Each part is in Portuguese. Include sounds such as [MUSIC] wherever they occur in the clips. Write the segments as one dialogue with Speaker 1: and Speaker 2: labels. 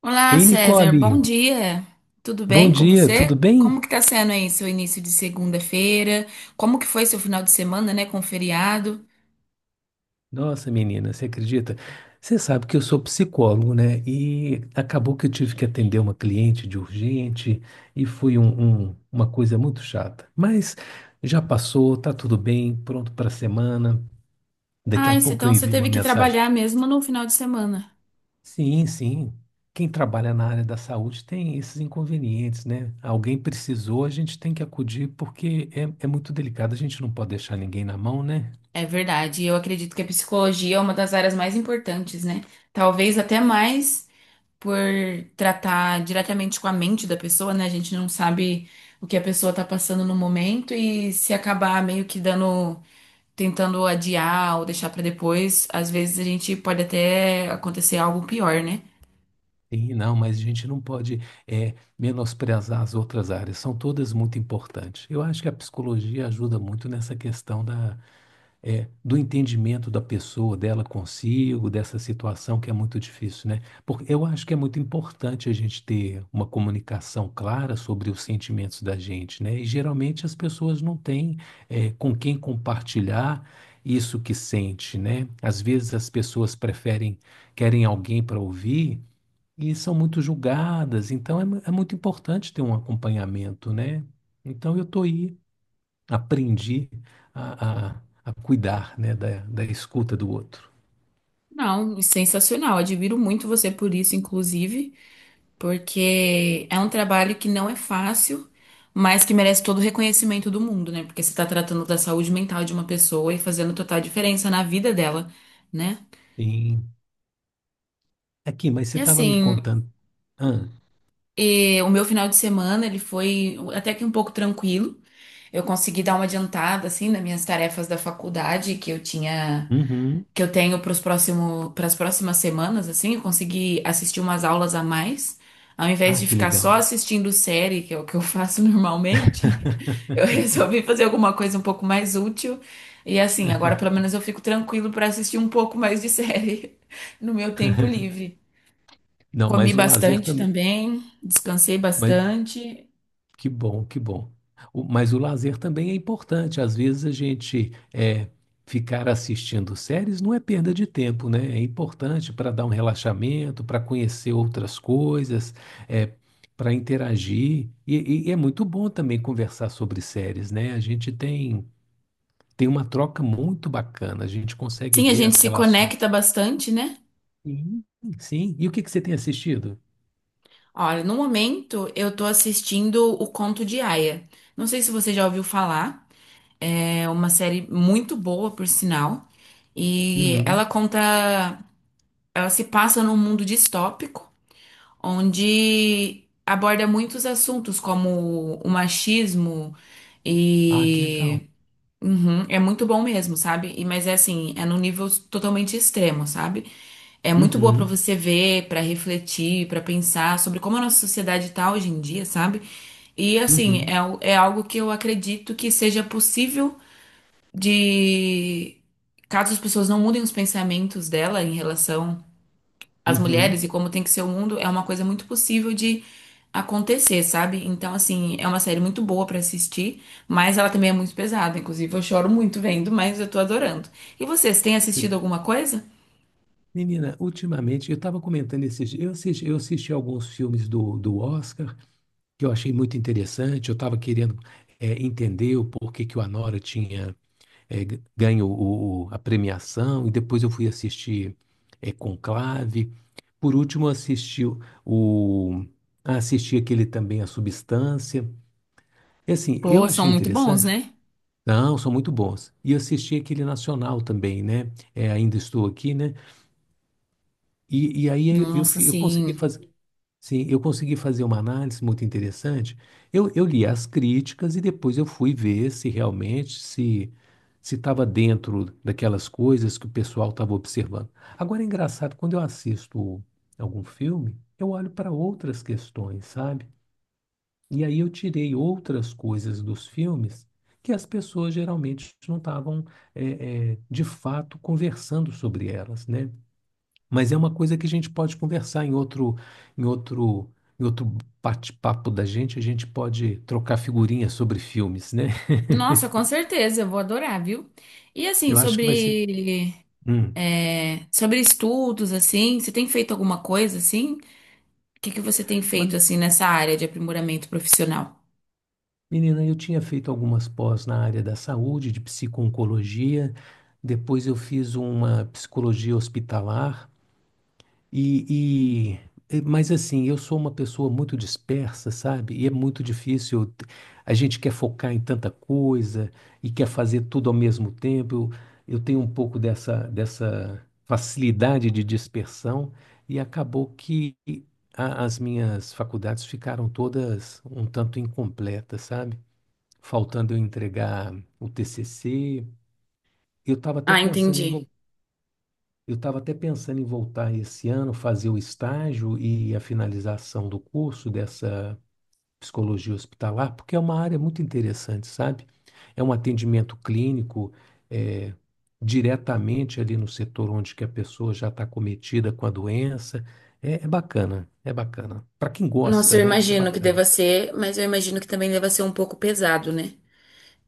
Speaker 1: Olá,
Speaker 2: Ei,
Speaker 1: César. Bom
Speaker 2: Nicole,
Speaker 1: dia. Tudo
Speaker 2: bom
Speaker 1: bem com
Speaker 2: dia,
Speaker 1: você?
Speaker 2: tudo bem?
Speaker 1: Como que tá sendo aí seu início de segunda-feira? Como que foi seu final de semana, né, com feriado?
Speaker 2: Nossa, menina, você acredita? Você sabe que eu sou psicólogo, né? E acabou que eu tive que atender uma cliente de urgente e foi uma coisa muito chata. Mas já passou, tá tudo bem, pronto para a semana. Daqui
Speaker 1: Ah,
Speaker 2: a
Speaker 1: isso,
Speaker 2: pouco eu
Speaker 1: então você
Speaker 2: envio uma
Speaker 1: teve que
Speaker 2: mensagem.
Speaker 1: trabalhar mesmo no final de semana.
Speaker 2: Sim, sim. Quem trabalha na área da saúde tem esses inconvenientes, né? Alguém precisou, a gente tem que acudir porque é muito delicado, a gente não pode deixar ninguém na mão, né?
Speaker 1: É verdade. Eu acredito que a psicologia é uma das áreas mais importantes, né? Talvez até mais. Por tratar diretamente com a mente da pessoa, né? A gente não sabe o que a pessoa tá passando no momento e se acabar meio que dando, tentando adiar ou deixar pra depois, às vezes a gente pode até acontecer algo pior, né?
Speaker 2: Sim, não, mas a gente não pode menosprezar as outras áreas, são todas muito importantes. Eu acho que a psicologia ajuda muito nessa questão da, do entendimento da pessoa, dela consigo, dessa situação que é muito difícil, né? Porque eu acho que é muito importante a gente ter uma comunicação clara sobre os sentimentos da gente, né? E geralmente as pessoas não têm com quem compartilhar isso que sente, né? Às vezes as pessoas preferem, querem alguém para ouvir e são muito julgadas, então é, é muito importante ter um acompanhamento, né? Então eu estou aí, aprendi a cuidar, né, da escuta do outro.
Speaker 1: Não, sensacional. Admiro muito você por isso, inclusive, porque é um trabalho que não é fácil, mas que merece todo o reconhecimento do mundo, né? Porque você tá tratando da saúde mental de uma pessoa e fazendo total diferença na vida dela, né?
Speaker 2: E, aqui, mas você
Speaker 1: E
Speaker 2: estava me
Speaker 1: assim,
Speaker 2: contando. Ah,
Speaker 1: e o meu final de semana, ele foi até que um pouco tranquilo. Eu consegui dar uma adiantada, assim, nas minhas tarefas da faculdade que eu tinha,
Speaker 2: uhum.
Speaker 1: que eu tenho para os próximo, para as próximas semanas, assim. Eu consegui assistir umas aulas a mais. Ao invés
Speaker 2: Ah,
Speaker 1: de
Speaker 2: que
Speaker 1: ficar só
Speaker 2: legal.
Speaker 1: assistindo série, que é o que eu faço [LAUGHS] normalmente, eu resolvi fazer alguma coisa um pouco mais útil. E assim, agora pelo menos eu fico tranquilo para assistir um pouco mais de série [LAUGHS] no meu tempo livre.
Speaker 2: Não,
Speaker 1: Comi
Speaker 2: mas o lazer
Speaker 1: bastante
Speaker 2: também.
Speaker 1: também, descansei bastante.
Speaker 2: Que bom, que bom. Mas o lazer também é importante. Às vezes a gente ficar assistindo séries não é perda de tempo, né? É importante para dar um relaxamento, para conhecer outras coisas, é, para interagir. E é muito bom também conversar sobre séries, né? A gente tem uma troca muito bacana. A gente consegue
Speaker 1: Sim, a
Speaker 2: ver
Speaker 1: gente
Speaker 2: as
Speaker 1: se
Speaker 2: relações.
Speaker 1: conecta bastante, né?
Speaker 2: Sim, sim. E o que que você tem assistido?
Speaker 1: Olha, no momento eu tô assistindo O Conto de Aia. Não sei se você já ouviu falar, é uma série muito boa, por sinal. E ela
Speaker 2: Uhum.
Speaker 1: conta, ela se passa num mundo distópico, onde aborda muitos assuntos como o machismo
Speaker 2: Ah, que
Speaker 1: e
Speaker 2: legal.
Speaker 1: Uhum, é muito bom mesmo, sabe? E mas é assim, é num nível totalmente extremo, sabe? É muito boa para
Speaker 2: Uhum,
Speaker 1: você ver, para refletir, para pensar sobre como a nossa sociedade tá hoje em dia, sabe? E assim,
Speaker 2: uhum,
Speaker 1: é, é algo que eu acredito que seja possível de caso as pessoas não mudem os pensamentos dela em relação às mulheres
Speaker 2: uhum.
Speaker 1: e como tem que ser o mundo, é uma coisa muito possível de acontecer, sabe? Então, assim, é uma série muito boa pra assistir, mas ela também é muito pesada. Inclusive, eu choro muito vendo, mas eu tô adorando. E vocês, têm
Speaker 2: Você
Speaker 1: assistido alguma coisa?
Speaker 2: Menina, ultimamente eu estava comentando esses dias, eu assisti alguns filmes do Oscar que eu achei muito interessante. Eu estava querendo entender o porquê que o Anora tinha ganho a premiação, e depois eu fui assistir Conclave. Por último, eu assisti o- ah, assisti aquele também A Substância. E assim, eu
Speaker 1: Pô, são
Speaker 2: achei
Speaker 1: muito bons,
Speaker 2: interessante.
Speaker 1: né?
Speaker 2: Não, são muito bons. E eu assisti aquele nacional também, né? Ainda estou aqui, né? E aí
Speaker 1: Nossa,
Speaker 2: eu consegui
Speaker 1: sim.
Speaker 2: fazer. Sim, eu consegui fazer uma análise muito interessante. Eu li as críticas e depois eu fui ver se realmente se estava dentro daquelas coisas que o pessoal estava observando. Agora é engraçado, quando eu assisto algum filme, eu olho para outras questões, sabe? E aí eu tirei outras coisas dos filmes que as pessoas geralmente não estavam de fato conversando sobre elas, né? Mas é uma coisa que a gente pode conversar em outro, em outro bate-papo da gente, a gente pode trocar figurinhas sobre filmes, né? [LAUGHS]
Speaker 1: Nossa, com certeza, eu vou adorar, viu? E assim,
Speaker 2: Eu acho que vai ser.
Speaker 1: sobre,
Speaker 2: Hum.
Speaker 1: é, sobre estudos, assim, você tem feito alguma coisa assim? O que que você tem
Speaker 2: Mas,
Speaker 1: feito assim nessa área de aprimoramento profissional?
Speaker 2: menina, eu tinha feito algumas pós na área da saúde, de psico-oncologia. Depois eu fiz uma psicologia hospitalar. E, mas assim, eu sou uma pessoa muito dispersa, sabe? E é muito difícil. A gente quer focar em tanta coisa e quer fazer tudo ao mesmo tempo. Eu tenho um pouco dessa facilidade de dispersão e acabou que as minhas faculdades ficaram todas um tanto incompletas, sabe? Faltando eu entregar o TCC. Eu estava até
Speaker 1: Ah,
Speaker 2: pensando em
Speaker 1: entendi.
Speaker 2: eu estava até pensando em voltar esse ano, fazer o estágio e a finalização do curso dessa psicologia hospitalar, porque é uma área muito interessante, sabe? É um atendimento clínico, eh, diretamente ali no setor onde que a pessoa já está cometida com a doença. É bacana, é bacana. Para quem
Speaker 1: Nossa,
Speaker 2: gosta,
Speaker 1: eu
Speaker 2: né? É
Speaker 1: imagino que deva
Speaker 2: bacana.
Speaker 1: ser, mas eu imagino que também deva ser um pouco pesado, né?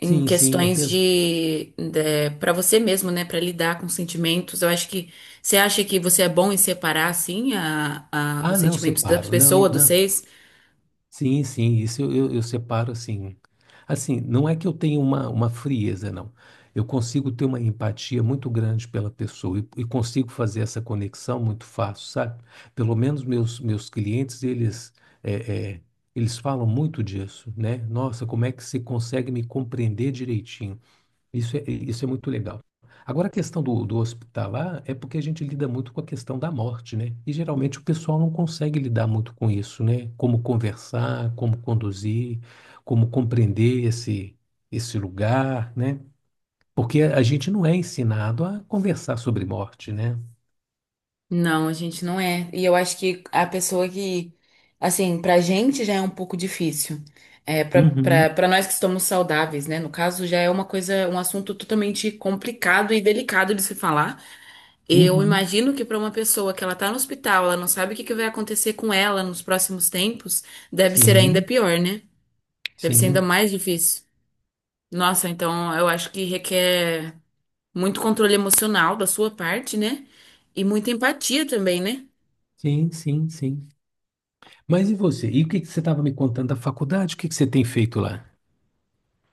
Speaker 1: Em
Speaker 2: Sim, sim, é
Speaker 1: questões
Speaker 2: peso.
Speaker 1: de para você mesmo, né? Pra lidar com sentimentos. Eu acho que você acha que você é bom em separar assim
Speaker 2: Ah,
Speaker 1: os
Speaker 2: não,
Speaker 1: sentimentos da
Speaker 2: separo. Não,
Speaker 1: pessoa dos
Speaker 2: não.
Speaker 1: seis?
Speaker 2: Sim, sim, isso eu separo assim. Assim, não é que eu tenha uma frieza, não. Eu consigo ter uma empatia muito grande pela pessoa e consigo fazer essa conexão muito fácil, sabe? Pelo menos meus clientes, eles, é, é, eles falam muito disso, né? Nossa, como é que você consegue me compreender direitinho? Isso é muito legal. Agora, a questão do hospitalar é porque a gente lida muito com a questão da morte, né? E geralmente o pessoal não consegue lidar muito com isso, né? Como conversar, como conduzir, como compreender esse lugar, né? Porque a gente não é ensinado a conversar sobre morte, né?
Speaker 1: Não, a gente não é. E eu acho que a pessoa que, assim, pra gente já é um pouco difícil. É,
Speaker 2: Uhum,
Speaker 1: pra nós que estamos saudáveis, né? No caso, já é uma coisa, um assunto totalmente complicado e delicado de se falar. Eu
Speaker 2: uhum.
Speaker 1: imagino que pra uma pessoa que ela tá no hospital, ela não sabe o que que vai acontecer com ela nos próximos tempos, deve ser ainda
Speaker 2: Sim,
Speaker 1: pior, né? Deve ser ainda
Speaker 2: sim,
Speaker 1: mais difícil. Nossa, então eu acho que requer muito controle emocional da sua parte, né? E muita empatia também, né?
Speaker 2: sim, sim, sim. Mas e você? E o que que você estava me contando da faculdade? O que que você tem feito lá?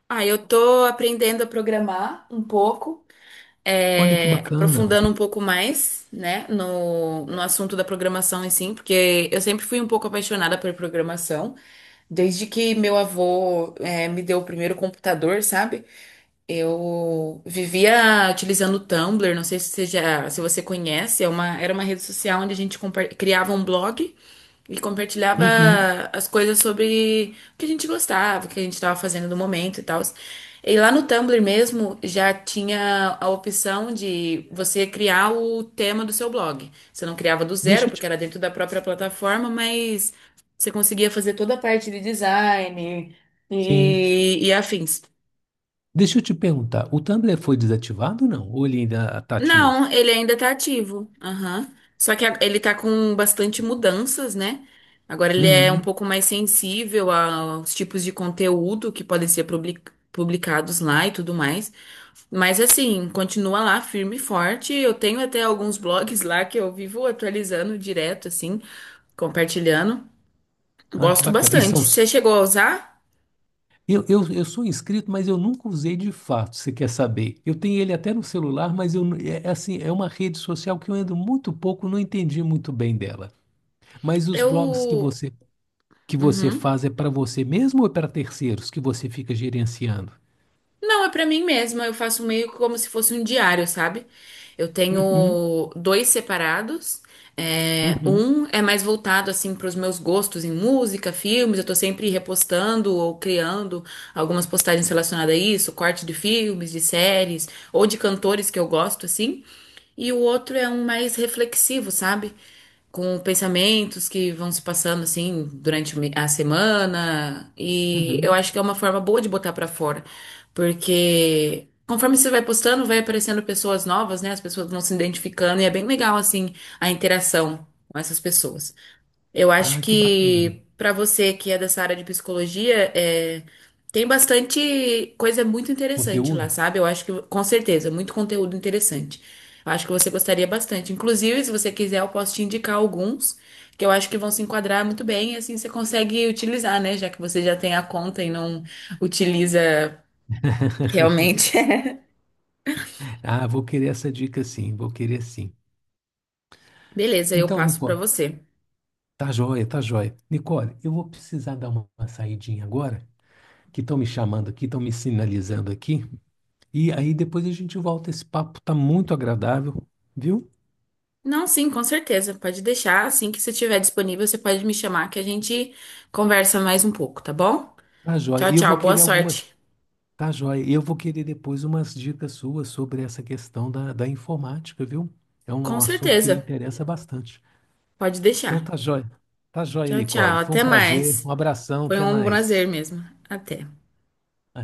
Speaker 1: Ah, eu tô aprendendo a programar um pouco,
Speaker 2: Olha que
Speaker 1: é,
Speaker 2: bacana.
Speaker 1: aprofundando um pouco mais, né, no assunto da programação em si, porque eu sempre fui um pouco apaixonada por programação, desde que meu avô, é, me deu o primeiro computador, sabe? Eu vivia utilizando o Tumblr, não sei se você já, se você conhece, é uma, era uma rede social onde a gente criava um blog. E compartilhava
Speaker 2: Uhum.
Speaker 1: as coisas sobre o que a gente gostava, o que a gente estava fazendo no momento e tal. E lá no Tumblr mesmo já tinha a opção de você criar o tema do seu blog. Você não criava do zero,
Speaker 2: Deixa eu
Speaker 1: porque
Speaker 2: te
Speaker 1: era dentro da própria plataforma, mas você conseguia fazer toda a parte de design
Speaker 2: Sim.
Speaker 1: e afins.
Speaker 2: Deixa eu te perguntar, o Tumblr foi desativado ou não? Ou ele ainda está
Speaker 1: Não,
Speaker 2: ativo?
Speaker 1: ele ainda tá ativo. Aham. Só que ele tá com bastante mudanças, né? Agora ele é um
Speaker 2: Uhum.
Speaker 1: pouco mais sensível aos tipos de conteúdo que podem ser publicados lá e tudo mais. Mas assim, continua lá firme e forte. Eu tenho até alguns blogs lá que eu vivo atualizando direto, assim, compartilhando.
Speaker 2: Ah, que
Speaker 1: Gosto
Speaker 2: bacana. E
Speaker 1: bastante.
Speaker 2: são...
Speaker 1: Você chegou a usar?
Speaker 2: eu sou inscrito, mas eu nunca usei de fato, você quer saber? Eu tenho ele até no celular, mas é assim, é uma rede social que eu ando muito pouco, não entendi muito bem dela. Mas os blogs
Speaker 1: Eu.
Speaker 2: que você
Speaker 1: Uhum.
Speaker 2: faz é para você mesmo ou é para terceiros que você fica gerenciando?
Speaker 1: Não, é pra mim mesma. Eu faço meio como se fosse um diário, sabe? Eu
Speaker 2: Uhum,
Speaker 1: tenho dois separados. É,
Speaker 2: uhum,
Speaker 1: um é mais voltado assim para os meus gostos em música, filmes. Eu tô sempre repostando ou criando algumas postagens relacionadas a isso, corte de filmes, de séries ou de cantores que eu gosto assim. E o outro é um mais reflexivo, sabe? Com pensamentos que vão se passando assim durante a semana. E eu
Speaker 2: uhum.
Speaker 1: acho que é uma forma boa de botar pra fora. Porque conforme você vai postando, vai aparecendo pessoas novas, né? As pessoas vão se identificando e é bem legal, assim, a interação com essas pessoas. Eu acho
Speaker 2: Ah, que bacana.
Speaker 1: que para você que é dessa área de psicologia, é, tem bastante coisa muito interessante lá,
Speaker 2: Conteúdo?
Speaker 1: sabe? Eu acho que, com certeza, muito conteúdo interessante. Eu acho que você gostaria bastante. Inclusive, se você quiser, eu posso te indicar alguns que eu acho que vão se enquadrar muito bem, e assim você consegue utilizar, né? Já que você já tem a conta e não utiliza.
Speaker 2: [LAUGHS]
Speaker 1: Realmente.
Speaker 2: Ah, vou querer essa dica sim, vou querer sim.
Speaker 1: [LAUGHS] Beleza, eu
Speaker 2: Então,
Speaker 1: passo pra
Speaker 2: Nicole,
Speaker 1: você.
Speaker 2: tá joia, tá joia. Nicole, eu vou precisar dar uma saidinha agora, que estão me chamando aqui, estão me sinalizando aqui. E aí depois a gente volta. Esse papo tá muito agradável, viu?
Speaker 1: Não, sim, com certeza. Pode deixar. Assim que você estiver disponível, você pode me chamar que a gente conversa mais um pouco, tá bom?
Speaker 2: Tá joia.
Speaker 1: Tchau,
Speaker 2: E eu vou
Speaker 1: tchau. Boa
Speaker 2: querer
Speaker 1: sorte.
Speaker 2: tá joia. E eu vou querer depois umas dicas suas sobre essa questão da informática, viu? É
Speaker 1: Com
Speaker 2: um assunto que me
Speaker 1: certeza.
Speaker 2: interessa bastante.
Speaker 1: Pode
Speaker 2: Então,
Speaker 1: deixar.
Speaker 2: tá joia. Tá joia,
Speaker 1: Tchau, tchau.
Speaker 2: Nicole. Foi um
Speaker 1: Até
Speaker 2: prazer,
Speaker 1: mais.
Speaker 2: um abração,
Speaker 1: Foi
Speaker 2: até
Speaker 1: um prazer
Speaker 2: mais.
Speaker 1: mesmo. Até.